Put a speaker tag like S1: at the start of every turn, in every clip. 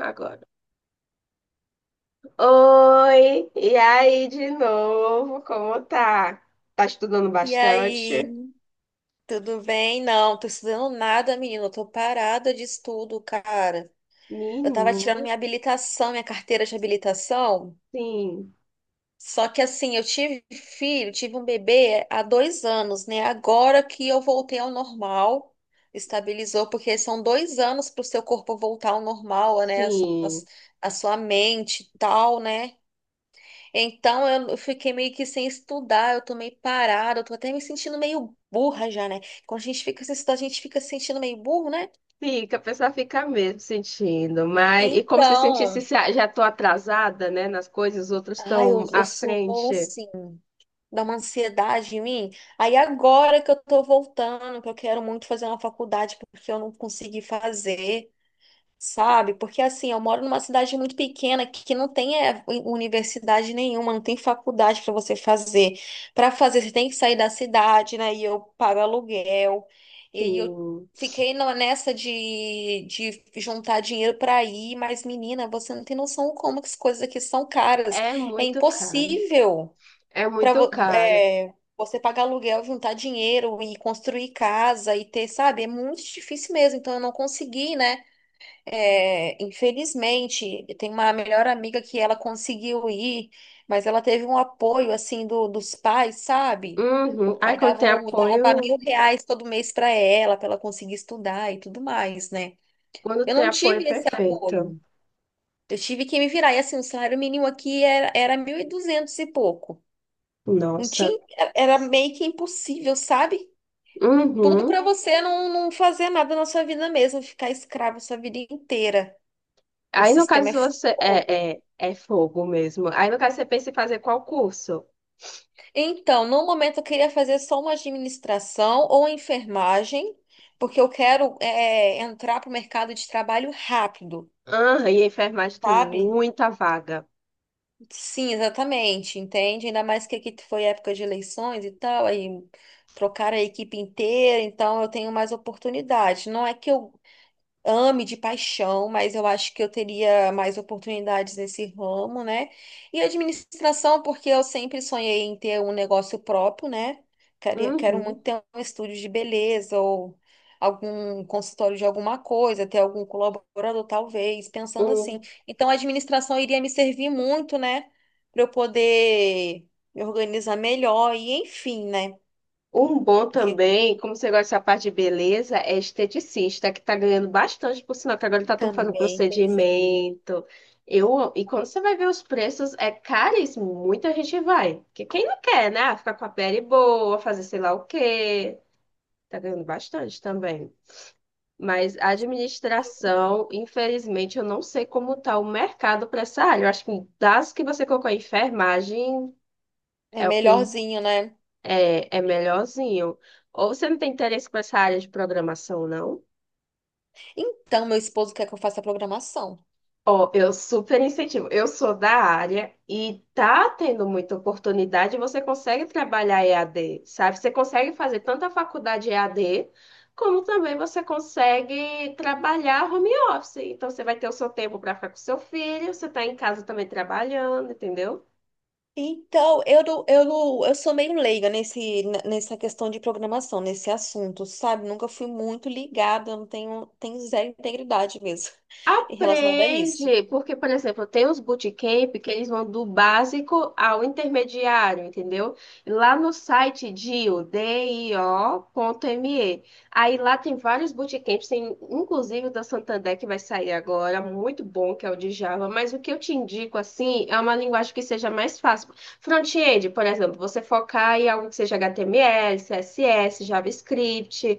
S1: Agora. Oi, e aí de novo, como tá? Tá estudando
S2: E aí,
S1: bastante?
S2: tudo bem? Não, tô estudando nada, menina. Eu tô parada de estudo, cara. Eu tava tirando
S1: Menina,
S2: minha habilitação, minha carteira de habilitação.
S1: sim,
S2: Só que assim, eu tive filho, tive um bebê há 2 anos, né? Agora que eu voltei ao normal, estabilizou, porque são 2 anos para o seu corpo voltar ao normal, né? A sua,
S1: sim.
S2: a sua mente e tal, né? Então eu fiquei meio que sem estudar, eu tô meio parada, eu tô até me sentindo meio burra já, né? Quando a gente fica sem estudar, a gente fica se sentindo meio burro, né?
S1: Fica, a pessoa fica mesmo sentindo, mas e como se sentisse
S2: Então,
S1: se ah, já tô atrasada, né, nas coisas, os outros
S2: ai, eu,
S1: estão
S2: eu
S1: à
S2: sou
S1: frente.
S2: assim, dá uma ansiedade em mim. Aí agora que eu tô voltando, que eu quero muito fazer uma faculdade porque eu não consegui fazer. Sabe? Porque assim, eu moro numa cidade muito pequena que não tem é, universidade nenhuma, não tem faculdade para você fazer. Para fazer, você tem que sair da cidade, né? E eu pago aluguel. E aí eu
S1: Sim.
S2: fiquei nessa de, juntar dinheiro para ir, mas menina, você não tem noção como que as coisas aqui são caras.
S1: É
S2: É
S1: muito caro.
S2: impossível
S1: É
S2: para
S1: muito caro.
S2: você pagar aluguel, juntar dinheiro e construir casa e ter, sabe? É muito difícil mesmo. Então eu não consegui, né? É, infelizmente, tem uma melhor amiga que ela conseguiu ir, mas ela teve um apoio assim do, dos pais, sabe? O
S1: Uhum. Ai,
S2: pai dava, o- dava R$ 1.000 todo mês para ela conseguir estudar e tudo mais, né?
S1: quando
S2: Eu
S1: tem
S2: não
S1: apoio, é
S2: tive esse
S1: perfeito.
S2: apoio. Eu tive que me virar. E assim, o salário mínimo aqui era 1.200 e duzentos e pouco. Não
S1: Nossa.
S2: tinha, era meio que impossível, sabe? Tudo
S1: Uhum.
S2: para você não fazer nada na sua vida mesmo, ficar escravo sua vida inteira. O
S1: Aí, no
S2: sistema é
S1: caso, você.
S2: fogo.
S1: É fogo mesmo. Aí, no caso, você pensa em fazer qual curso?
S2: Então, no momento eu queria fazer só uma administração ou enfermagem, porque eu quero é, entrar para o mercado de trabalho rápido,
S1: Ah, e enfermagem tem
S2: sabe?
S1: muita vaga.
S2: Sim, exatamente, entende? Ainda mais que aqui foi época de eleições e tal, aí trocaram a equipe inteira, então eu tenho mais oportunidade. Não é que eu ame de paixão, mas eu acho que eu teria mais oportunidades nesse ramo, né? E administração, porque eu sempre sonhei em ter um negócio próprio, né? Quero
S1: Uhum.
S2: muito ter um estúdio de beleza ou algum consultório de alguma coisa, ter algum colaborador, talvez, pensando assim.
S1: Um,
S2: Então, a administração iria me servir muito, né? Para eu poder me organizar melhor e, enfim, né?
S1: um bom
S2: Porque
S1: também, como você gosta dessa parte de beleza, é esteticista, que tá ganhando bastante, por sinal, que agora tá tudo fazendo
S2: também pensei.
S1: procedimento. E quando você vai ver os preços, é caríssimo. Muita gente vai. Porque quem não quer, né? Ah, ficar com a pele boa, fazer sei lá o quê. Tá ganhando bastante também. Mas a administração, infelizmente, eu não sei como está o mercado para essa área. Eu acho que das que você colocou, enfermagem
S2: É
S1: é o que
S2: melhorzinho, né?
S1: é melhorzinho. Ou você não tem interesse para essa área de programação, não?
S2: Então, meu esposo quer que eu faça a programação.
S1: Ó, eu super incentivo. Eu sou da área e tá tendo muita oportunidade. Você consegue trabalhar EAD, sabe? Você consegue fazer tanto a faculdade EAD, como também você consegue trabalhar home office. Então, você vai ter o seu tempo para ficar com seu filho, você tá em casa também trabalhando, entendeu?
S2: Então, eu, não- eu, não- eu sou meio leiga nessa questão de programação, nesse assunto, sabe? Nunca fui muito ligada, eu não tenho, tenho zero integridade mesmo em relação a isso.
S1: Aprende, porque, por exemplo, tem os bootcamp que eles vão do básico ao intermediário, entendeu? Lá no site DIO, DIO.me. Aí lá tem vários bootcamps, tem inclusive o da Santander que vai sair agora, muito bom, que é o de Java, mas o que eu te indico, assim, é uma linguagem que seja mais fácil. Front-end, por exemplo, você focar em algo que seja HTML, CSS, JavaScript,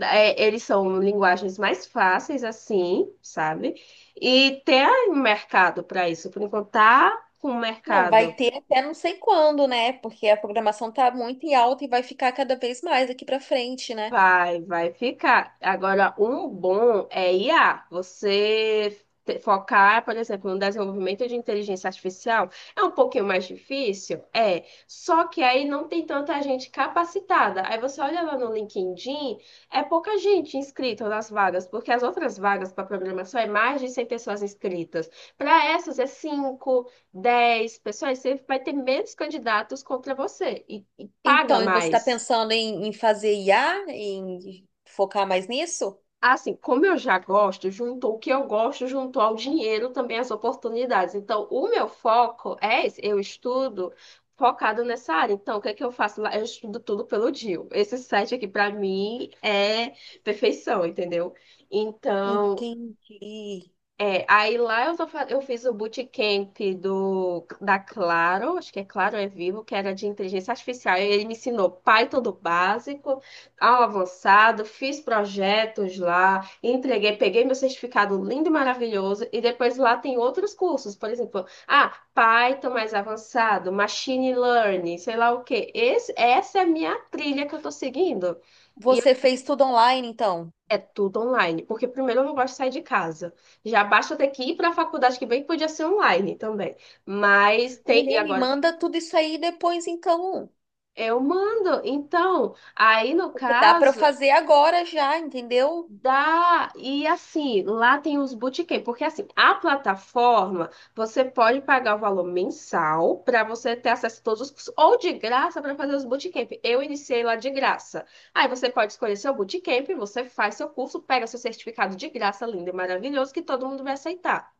S1: é, eles são linguagens mais fáceis, assim, sabe? E tem mercado para isso. Por enquanto, tá com
S2: Não, vai
S1: mercado.
S2: ter até não sei quando, né? Porque a programação tá muito em alta e vai ficar cada vez mais aqui para frente, né?
S1: Vai, vai ficar. Agora, um bom é IA. Você focar, por exemplo, no desenvolvimento de inteligência artificial é um pouquinho mais difícil? É. Só que aí não tem tanta gente capacitada. Aí você olha lá no LinkedIn, é pouca gente inscrita nas vagas, porque as outras vagas para programação é mais de 100 pessoas inscritas. Para essas é 5 10 pessoas. Você vai ter menos candidatos contra você e paga
S2: Então, e você está
S1: mais.
S2: pensando em fazer IA, em focar mais nisso?
S1: Assim, como eu já gosto, juntou o que eu gosto, juntou ao dinheiro também as oportunidades. Então, o meu foco é esse, eu estudo focado nessa área. Então, o que é que eu faço lá? Eu estudo tudo pelo DIU. Esse site aqui, para mim, é perfeição, entendeu? Então,
S2: Entendi.
S1: é, aí lá eu, só eu fiz o bootcamp do, da Claro, acho que é Claro é Vivo, que era de inteligência artificial, e ele me ensinou Python do básico ao avançado, fiz projetos lá, entreguei, peguei meu certificado lindo e maravilhoso, e depois lá tem outros cursos, por exemplo, ah, Python mais avançado, Machine Learning, sei lá o quê. Esse, essa é a minha trilha que eu tô seguindo. E
S2: Você fez tudo online, então?
S1: é tudo online, porque primeiro eu não gosto de sair de casa. Já basta eu ter que ir para a faculdade, que bem que podia ser online também. Mas tem, e
S2: Mulher, me
S1: agora
S2: manda tudo isso aí depois, então.
S1: eu mando. Então, aí no
S2: Porque dá para eu
S1: caso,
S2: fazer agora já, entendeu?
S1: dá, e assim, lá tem os bootcamp, porque assim, a plataforma, você pode pagar o valor mensal para você ter acesso a todos os cursos, ou de graça para fazer os bootcamp. Eu iniciei lá de graça. Aí você pode escolher seu bootcamp, você faz seu curso, pega seu certificado de graça, lindo e maravilhoso, que todo mundo vai aceitar,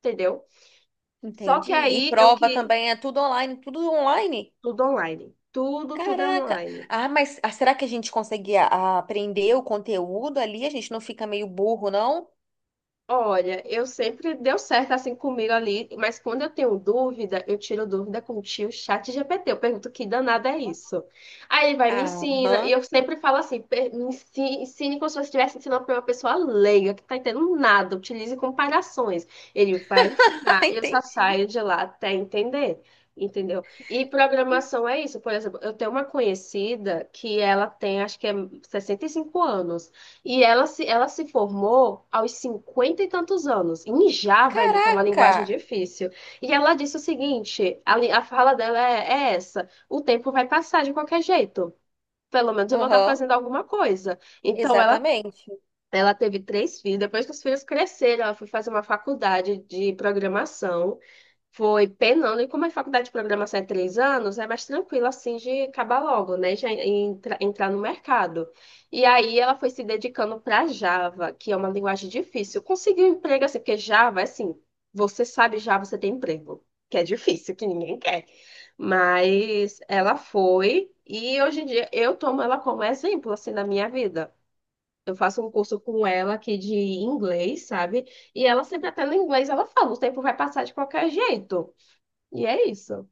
S1: entendeu? Só que
S2: Entendi. E
S1: aí eu
S2: prova
S1: que
S2: também, é tudo online, tudo online.
S1: tudo online. Tudo, tudo é
S2: Caraca.
S1: online.
S2: Ah, mas ah, será que a gente consegue aprender o conteúdo ali? A gente não fica meio burro, não?
S1: Olha, eu sempre deu certo assim comigo ali, mas quando eu tenho dúvida, eu tiro dúvida com o tio chat GPT. Eu pergunto que danada é isso. Aí ele vai e me ensina, e
S2: Aham.
S1: eu sempre falo assim, "Ensine, como se você estivesse ensinando para uma pessoa leiga, que tá entendendo nada, utilize comparações. Ele vai me ensinar, eu só
S2: Entendi.
S1: saio de lá até entender. Entendeu? E programação é isso. Por exemplo, eu tenho uma conhecida que ela tem, acho que é 65 anos. E ela se formou aos cinquenta e tantos anos, em Java ainda, que é uma
S2: Caraca.
S1: linguagem difícil. E ela disse o seguinte: a fala dela é essa: o tempo vai passar de qualquer jeito. Pelo menos eu vou estar
S2: Aham.
S1: fazendo alguma coisa. Então ela,
S2: Exatamente.
S1: ela teve três filhos. Depois que os filhos cresceram, ela foi fazer uma faculdade de programação. Foi penando, e como a faculdade de programação é 3 anos, é mais tranquilo assim de acabar logo, né? Já entrar no mercado. E aí ela foi se dedicando para Java, que é uma linguagem difícil. Conseguiu um emprego assim, porque Java, é assim, você sabe Java, você tem emprego, que é difícil, que ninguém quer. Mas ela foi, e hoje em dia eu tomo ela como exemplo, assim, na minha vida. Eu faço um curso com ela aqui de inglês, sabe? E ela sempre até no inglês, ela fala, o tempo vai passar de qualquer jeito. E é isso.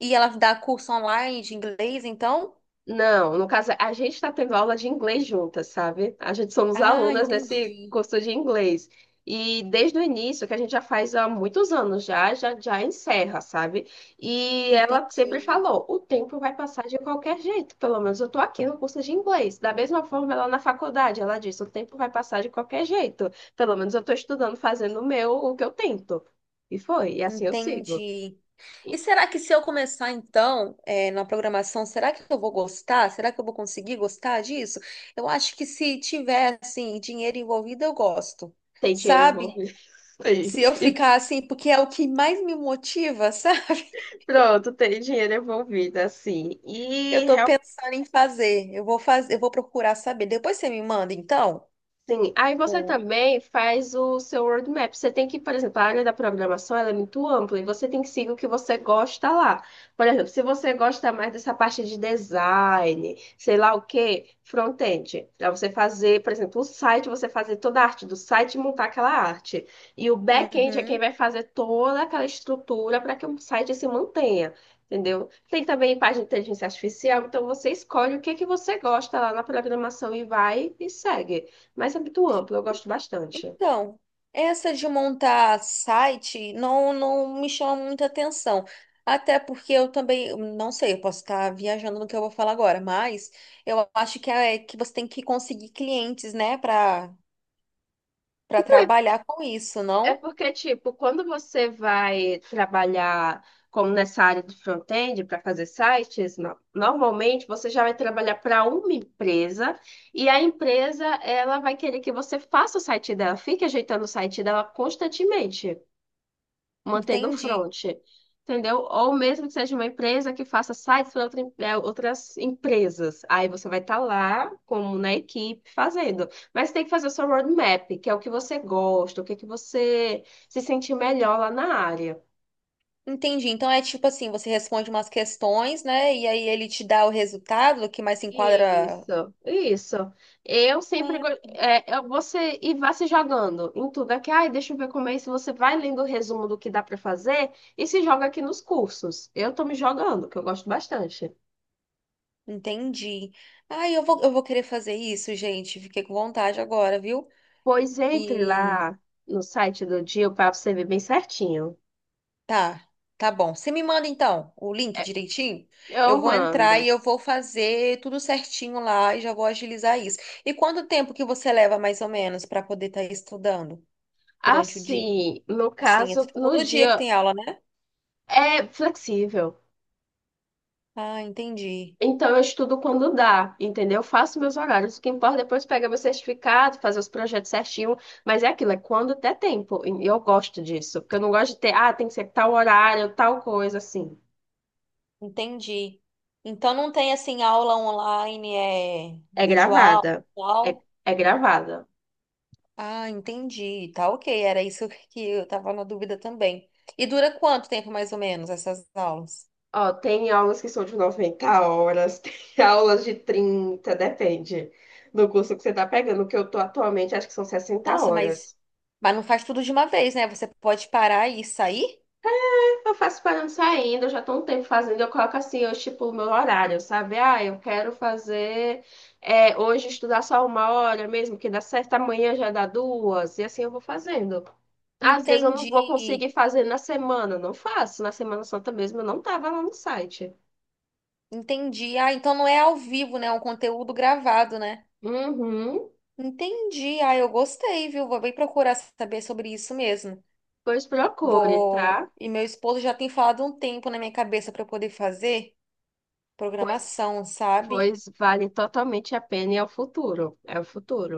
S2: E ela dá curso online de inglês, então?
S1: Não, no caso, a gente está tendo aula de inglês juntas, sabe? A gente somos
S2: Ah,
S1: alunas nesse
S2: entendi.
S1: curso de inglês. E desde o início, que a gente já faz há muitos anos já encerra, sabe? E ela sempre
S2: Entendi.
S1: falou, o tempo vai passar de qualquer jeito, pelo menos eu tô aqui no curso de inglês. Da mesma forma, ela na faculdade, ela disse, o tempo vai passar de qualquer jeito, pelo menos eu tô estudando, fazendo o meu, o que eu tento. E foi, e assim eu sigo.
S2: Entendi. E
S1: E
S2: será que se eu começar então, na programação, será que eu vou gostar? Será que eu vou conseguir gostar disso? Eu acho que se tiver assim dinheiro envolvido, eu gosto,
S1: tem dinheiro
S2: sabe?
S1: envolvido. E,
S2: Se eu
S1: e
S2: ficar assim, porque é o que mais me motiva, sabe?
S1: pronto, tem dinheiro envolvido, assim.
S2: Eu
S1: E
S2: tô pensando em fazer. Eu vou fazer, eu vou procurar saber. Depois você me manda, então?
S1: sim, aí você
S2: O-
S1: também faz o seu roadmap. Você tem que, por exemplo, a área da programação ela é muito ampla e você tem que seguir o que você gosta lá. Por exemplo, se você gosta mais dessa parte de design, sei lá o quê, front-end, para você fazer, por exemplo, o site, você fazer toda a arte do site e montar aquela arte. E o back-end é quem
S2: Uhum.
S1: vai fazer toda aquela estrutura para que o site se mantenha. Entendeu? Tem também parte de inteligência artificial, então você escolhe o que que você gosta lá na programação e vai e segue. Mas é muito amplo, eu gosto bastante.
S2: Então, essa de montar site não me chama muita atenção. Até porque eu também, não sei, eu posso estar viajando no que eu vou falar agora, mas eu acho que é que você tem que conseguir clientes, né, para trabalhar com isso,
S1: É
S2: não?
S1: porque, tipo, quando você vai trabalhar como nessa área de front-end para fazer sites, normalmente você já vai trabalhar para uma empresa e a empresa ela vai querer que você faça o site dela, fique ajeitando o site dela constantemente, mantendo o
S2: Entendi.
S1: front, entendeu? Ou mesmo que seja uma empresa que faça sites para outra outras empresas. Aí você vai estar lá, como na equipe, fazendo. Mas tem que fazer o seu roadmap, que é o que você gosta, o que é que você se sente melhor lá na área.
S2: Entendi. Então é tipo assim, você responde umas questões, né, e aí ele te dá o resultado que mais se enquadra.
S1: Isso, isso. Eu sempre
S2: Ah,
S1: go- É, você e vá se jogando em tudo aqui. Ai, deixa eu ver como é isso. Você vai lendo o resumo do que dá para fazer e se joga aqui nos cursos. Eu tô me jogando, que eu gosto bastante.
S2: entendi. Ai, eu vou querer fazer isso, gente. Fiquei com vontade agora, viu?
S1: Pois entre
S2: E
S1: lá no site do Dio para você ver bem certinho.
S2: Tá, tá bom. Você me manda então o link
S1: É,
S2: direitinho. Eu
S1: eu
S2: vou entrar
S1: mando.
S2: e eu vou fazer tudo certinho lá e já vou agilizar isso. E quanto tempo que você leva mais ou menos para poder estar estudando durante o dia?
S1: Assim, no
S2: Assim, é
S1: caso, no
S2: todo dia que
S1: dia
S2: tem aula, né?
S1: é flexível.
S2: Ah, entendi.
S1: Então eu estudo quando dá, entendeu? Eu faço meus horários. O que importa é depois pegar meu certificado, fazer os projetos certinho. Mas é aquilo, é quando der tempo. E eu gosto disso. Porque eu não gosto de ter, ah, tem que ser tal horário, tal coisa, assim.
S2: Entendi. Então não tem assim aula online, é
S1: É
S2: videoaula,
S1: gravada.
S2: e
S1: É,
S2: tal.
S1: é gravada.
S2: Ah, entendi. Tá ok. Era isso que eu tava na dúvida também. E dura quanto tempo mais ou menos essas aulas?
S1: Ó, tem aulas que são de 90 horas, tem aulas de 30, depende do curso que você tá pegando. O que eu tô atualmente, acho que são 60
S2: Nossa, mas,
S1: horas.
S2: mas não faz tudo de uma vez, né? Você pode parar e sair?
S1: Eu faço parando saindo, eu já tô um tempo fazendo, eu coloco assim, eu estipulo meu horário, sabe? Ah, eu quero fazer é, hoje estudar só 1 hora mesmo, que dá certo, amanhã já dá duas, e assim eu vou fazendo. Às vezes eu não vou conseguir
S2: Entendi.
S1: fazer na semana, eu não faço. Na Semana Santa mesmo eu não tava lá no site.
S2: Entendi. Ah, então não é ao vivo, né? É um conteúdo gravado, né?
S1: Uhum,
S2: Entendi. Ah, eu gostei, viu? Vou bem procurar saber sobre isso mesmo.
S1: pois procure,
S2: Vou.
S1: tá?
S2: E meu esposo já tem falado um tempo na minha cabeça para eu poder fazer
S1: Pois
S2: programação, sabe?
S1: Pois vale totalmente a pena e é o futuro. É o futuro.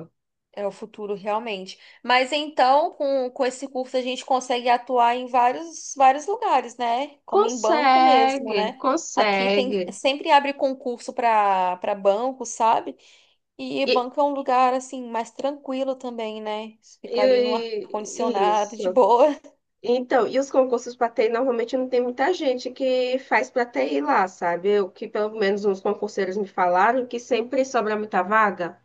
S2: É o futuro, realmente. Mas então, com esse curso, a gente consegue atuar em vários, vários lugares, né? Como em banco mesmo,
S1: Consegue,
S2: né? Aqui tem,
S1: consegue.
S2: sempre abre concurso para banco, sabe? E
S1: E,
S2: banco é um lugar, assim, mais tranquilo também, né? Fica ali no
S1: e
S2: ar-condicionado,
S1: isso.
S2: de boa.
S1: Então, e os concursos para TI normalmente não tem muita gente que faz para TI lá, sabe? O que pelo menos uns concurseiros me falaram que sempre sobra muita vaga.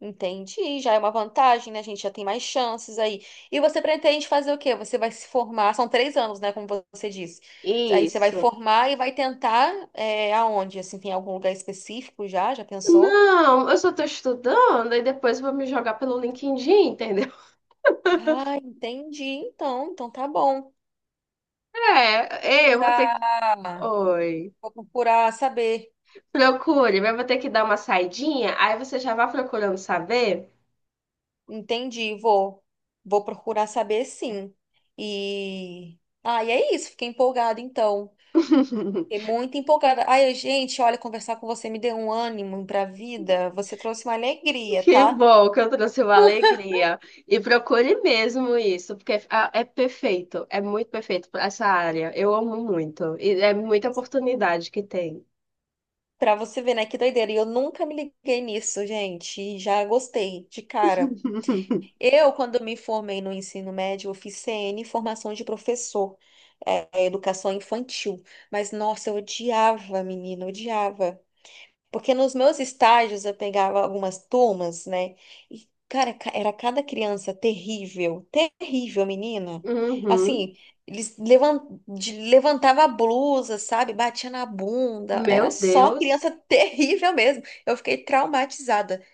S2: Entendi, já é uma vantagem, né? A gente já tem mais chances aí. E você pretende fazer o quê? Você vai se formar, são 3 anos, né? Como você disse. Aí você vai
S1: Isso.
S2: formar e vai tentar é, aonde? Assim, tem algum lugar específico já? Já pensou?
S1: Não, eu só estou estudando e depois vou me jogar pelo LinkedIn, entendeu?
S2: Ah, entendi. Então tá bom.
S1: É, eu vou ter que.
S2: Procurar,
S1: Oi.
S2: vou procurar saber.
S1: Procure, mas eu vou ter que dar uma saidinha, aí você já vai procurando saber.
S2: Entendi, vou procurar saber sim. E é isso. Fiquei empolgada então. É muito empolgada. Ai, gente, olha, conversar com você me deu um ânimo pra vida. Você trouxe uma alegria,
S1: Que
S2: tá?
S1: bom que eu trouxe uma alegria. E procure mesmo isso, porque ah, é perfeito, é muito perfeito para essa área. Eu amo muito, e é muita oportunidade que tem.
S2: Pra você ver, né? Que doideira. E eu nunca me liguei nisso, gente. E já gostei, de cara. Eu, quando me formei no ensino médio, eu fiz CN, formação de professor, é, educação infantil. Mas, nossa, eu odiava, menina, eu odiava. Porque nos meus estágios eu pegava algumas turmas, né? E, cara, era cada criança terrível, terrível, menina.
S1: Uhum.
S2: Assim, eles levantava a blusa, sabe? Batia na bunda. Era
S1: Meu
S2: só criança
S1: Deus,
S2: terrível mesmo. Eu fiquei traumatizada,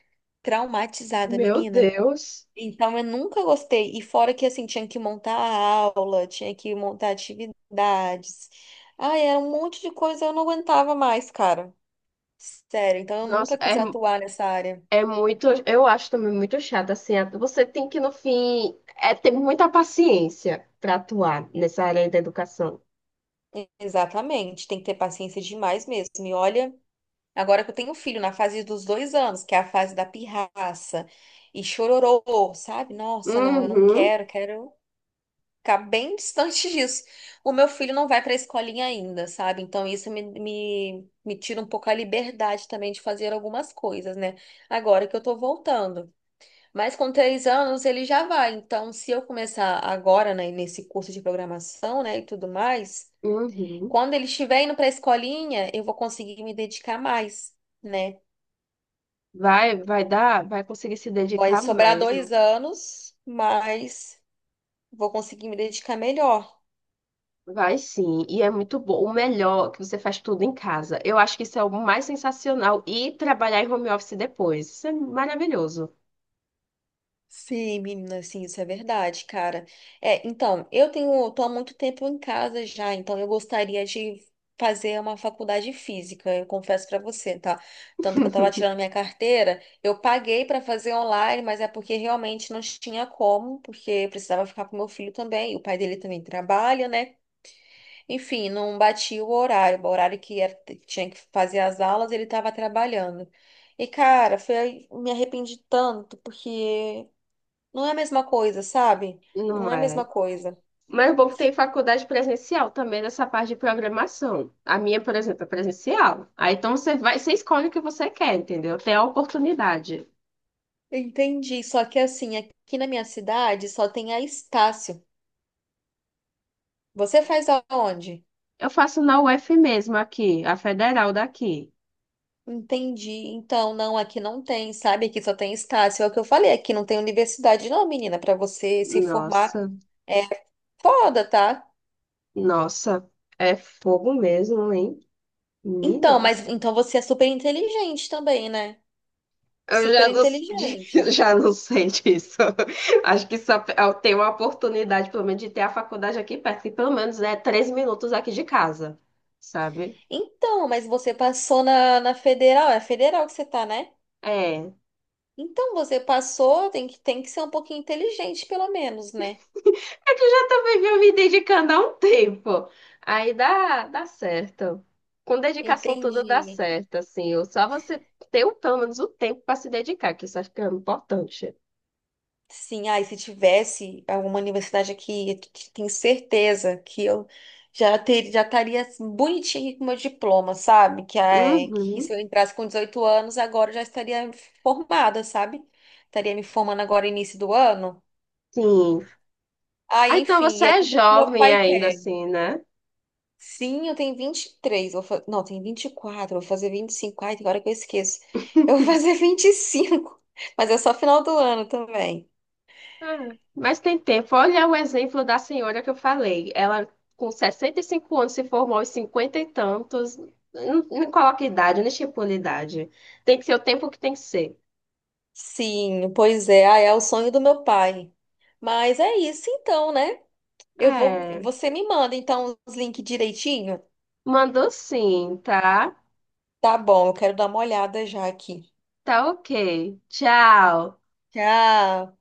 S2: traumatizada,
S1: meu
S2: menina.
S1: Deus.
S2: Então eu nunca gostei. E fora que assim, tinha que montar a aula, tinha que montar atividades. Ai, era um monte de coisa, eu não aguentava mais, cara. Sério, então eu
S1: Nossa,
S2: nunca quis
S1: é,
S2: atuar nessa área.
S1: é muito, eu acho também muito chato, assim, a- você tem que, no fim, é ter muita paciência para atuar nessa área da educação.
S2: Exatamente, tem que ter paciência demais mesmo. E olha, agora que eu tenho um filho na fase dos 2 anos, que é a fase da pirraça e chororô, sabe? Nossa, não, eu não
S1: Uhum,
S2: quero, quero ficar bem distante disso. O meu filho não vai para a escolinha ainda, sabe? Então isso me tira um pouco a liberdade também de fazer algumas coisas, né? Agora que eu tô voltando. Mas com 3 anos ele já vai. Então, se eu começar agora, né, nesse curso de programação, né, e tudo mais,
S1: uhum.
S2: quando ele estiver indo para a escolinha, eu vou conseguir me dedicar mais, né?
S1: Vai, vai dar, vai conseguir se
S2: Vai
S1: dedicar
S2: sobrar
S1: mesmo.
S2: 2 anos, mas vou conseguir me dedicar melhor.
S1: Vai sim, e é muito bom. O melhor é que você faz tudo em casa. Eu acho que isso é o mais sensacional. E trabalhar em home office depois. Isso é maravilhoso.
S2: Sim, menina, sim, isso é verdade, cara. É, então, tô há muito tempo em casa já, então eu gostaria de fazer uma faculdade física, eu confesso pra você, tá? Tanto que eu tava tirando minha carteira, eu paguei pra fazer online, mas é porque realmente não tinha como, porque eu precisava ficar com meu filho também, e o pai dele também trabalha, né? Enfim, não batia o horário, que tinha que fazer as aulas, ele tava trabalhando. E, cara, me arrependi tanto, porque não é a mesma coisa, sabe? Não
S1: Não
S2: é a mesma
S1: é?
S2: coisa.
S1: Mas o bom que tem faculdade presencial também nessa parte de programação. A minha, por exemplo, é presencial. Aí então você vai, você escolhe o que você quer, entendeu? Tem a oportunidade.
S2: Entendi. Só que assim, aqui na minha cidade só tem a Estácio. Você faz aonde?
S1: Eu faço na UF mesmo aqui, a federal daqui.
S2: Entendi. Então, não, aqui não tem, sabe? Aqui só tem Estácio. É o que eu falei, aqui não tem universidade, não, menina, para você se formar.
S1: Nossa.
S2: É foda, tá?
S1: Nossa, é fogo mesmo, hein? Ih,
S2: Então, mas
S1: nossa.
S2: então você é super inteligente também, né?
S1: Eu já
S2: Super
S1: não,
S2: inteligente.
S1: já não sei disso. Acho que só eu tenho uma oportunidade, pelo menos, de ter a faculdade aqui perto, que pelo menos é 3 minutos aqui de casa, sabe?
S2: Então, mas você passou na federal, é federal que você tá, né?
S1: É.
S2: Então você passou, tem que ser um pouquinho inteligente, pelo menos, né?
S1: É que eu já também venho me dedicando há um tempo. Aí dá certo. Com dedicação tudo dá
S2: Entendi.
S1: certo, assim. Ou só você ter o- pelo menos o tempo para se dedicar, que isso acho que é importante.
S2: Sim, ai, se tivesse alguma universidade aqui, eu tenho certeza que eu já estaria assim, bonitinha aqui com meu diploma, sabe? Que se
S1: Uhum.
S2: eu entrasse com 18 anos, agora eu já estaria formada, sabe? Estaria me formando agora início do ano.
S1: Sim.
S2: Ah,
S1: Ah, então
S2: enfim,
S1: você
S2: e é
S1: é
S2: tudo que meu
S1: jovem
S2: pai
S1: ainda,
S2: quer.
S1: assim, né?
S2: Sim, eu tenho 23. Não, tenho 24. Vou fazer 25. Ai, tem hora que eu esqueço. Eu vou fazer 25. Mas é só final do ano também.
S1: Ah, mas tem tempo. Olha o exemplo da senhora que eu falei. Ela, com 65 anos, se formou aos 50 e tantos. Não, não coloca idade, não estipula idade. Tem que ser o tempo que tem que ser.
S2: Sim, pois é. Ah, é o sonho do meu pai. Mas é isso então, né? Eu vou.
S1: É.
S2: Você me manda então os links direitinho?
S1: Mandou sim, tá?
S2: Tá bom, eu quero dar uma olhada já aqui.
S1: Tá ok. Tchau.
S2: Tchau.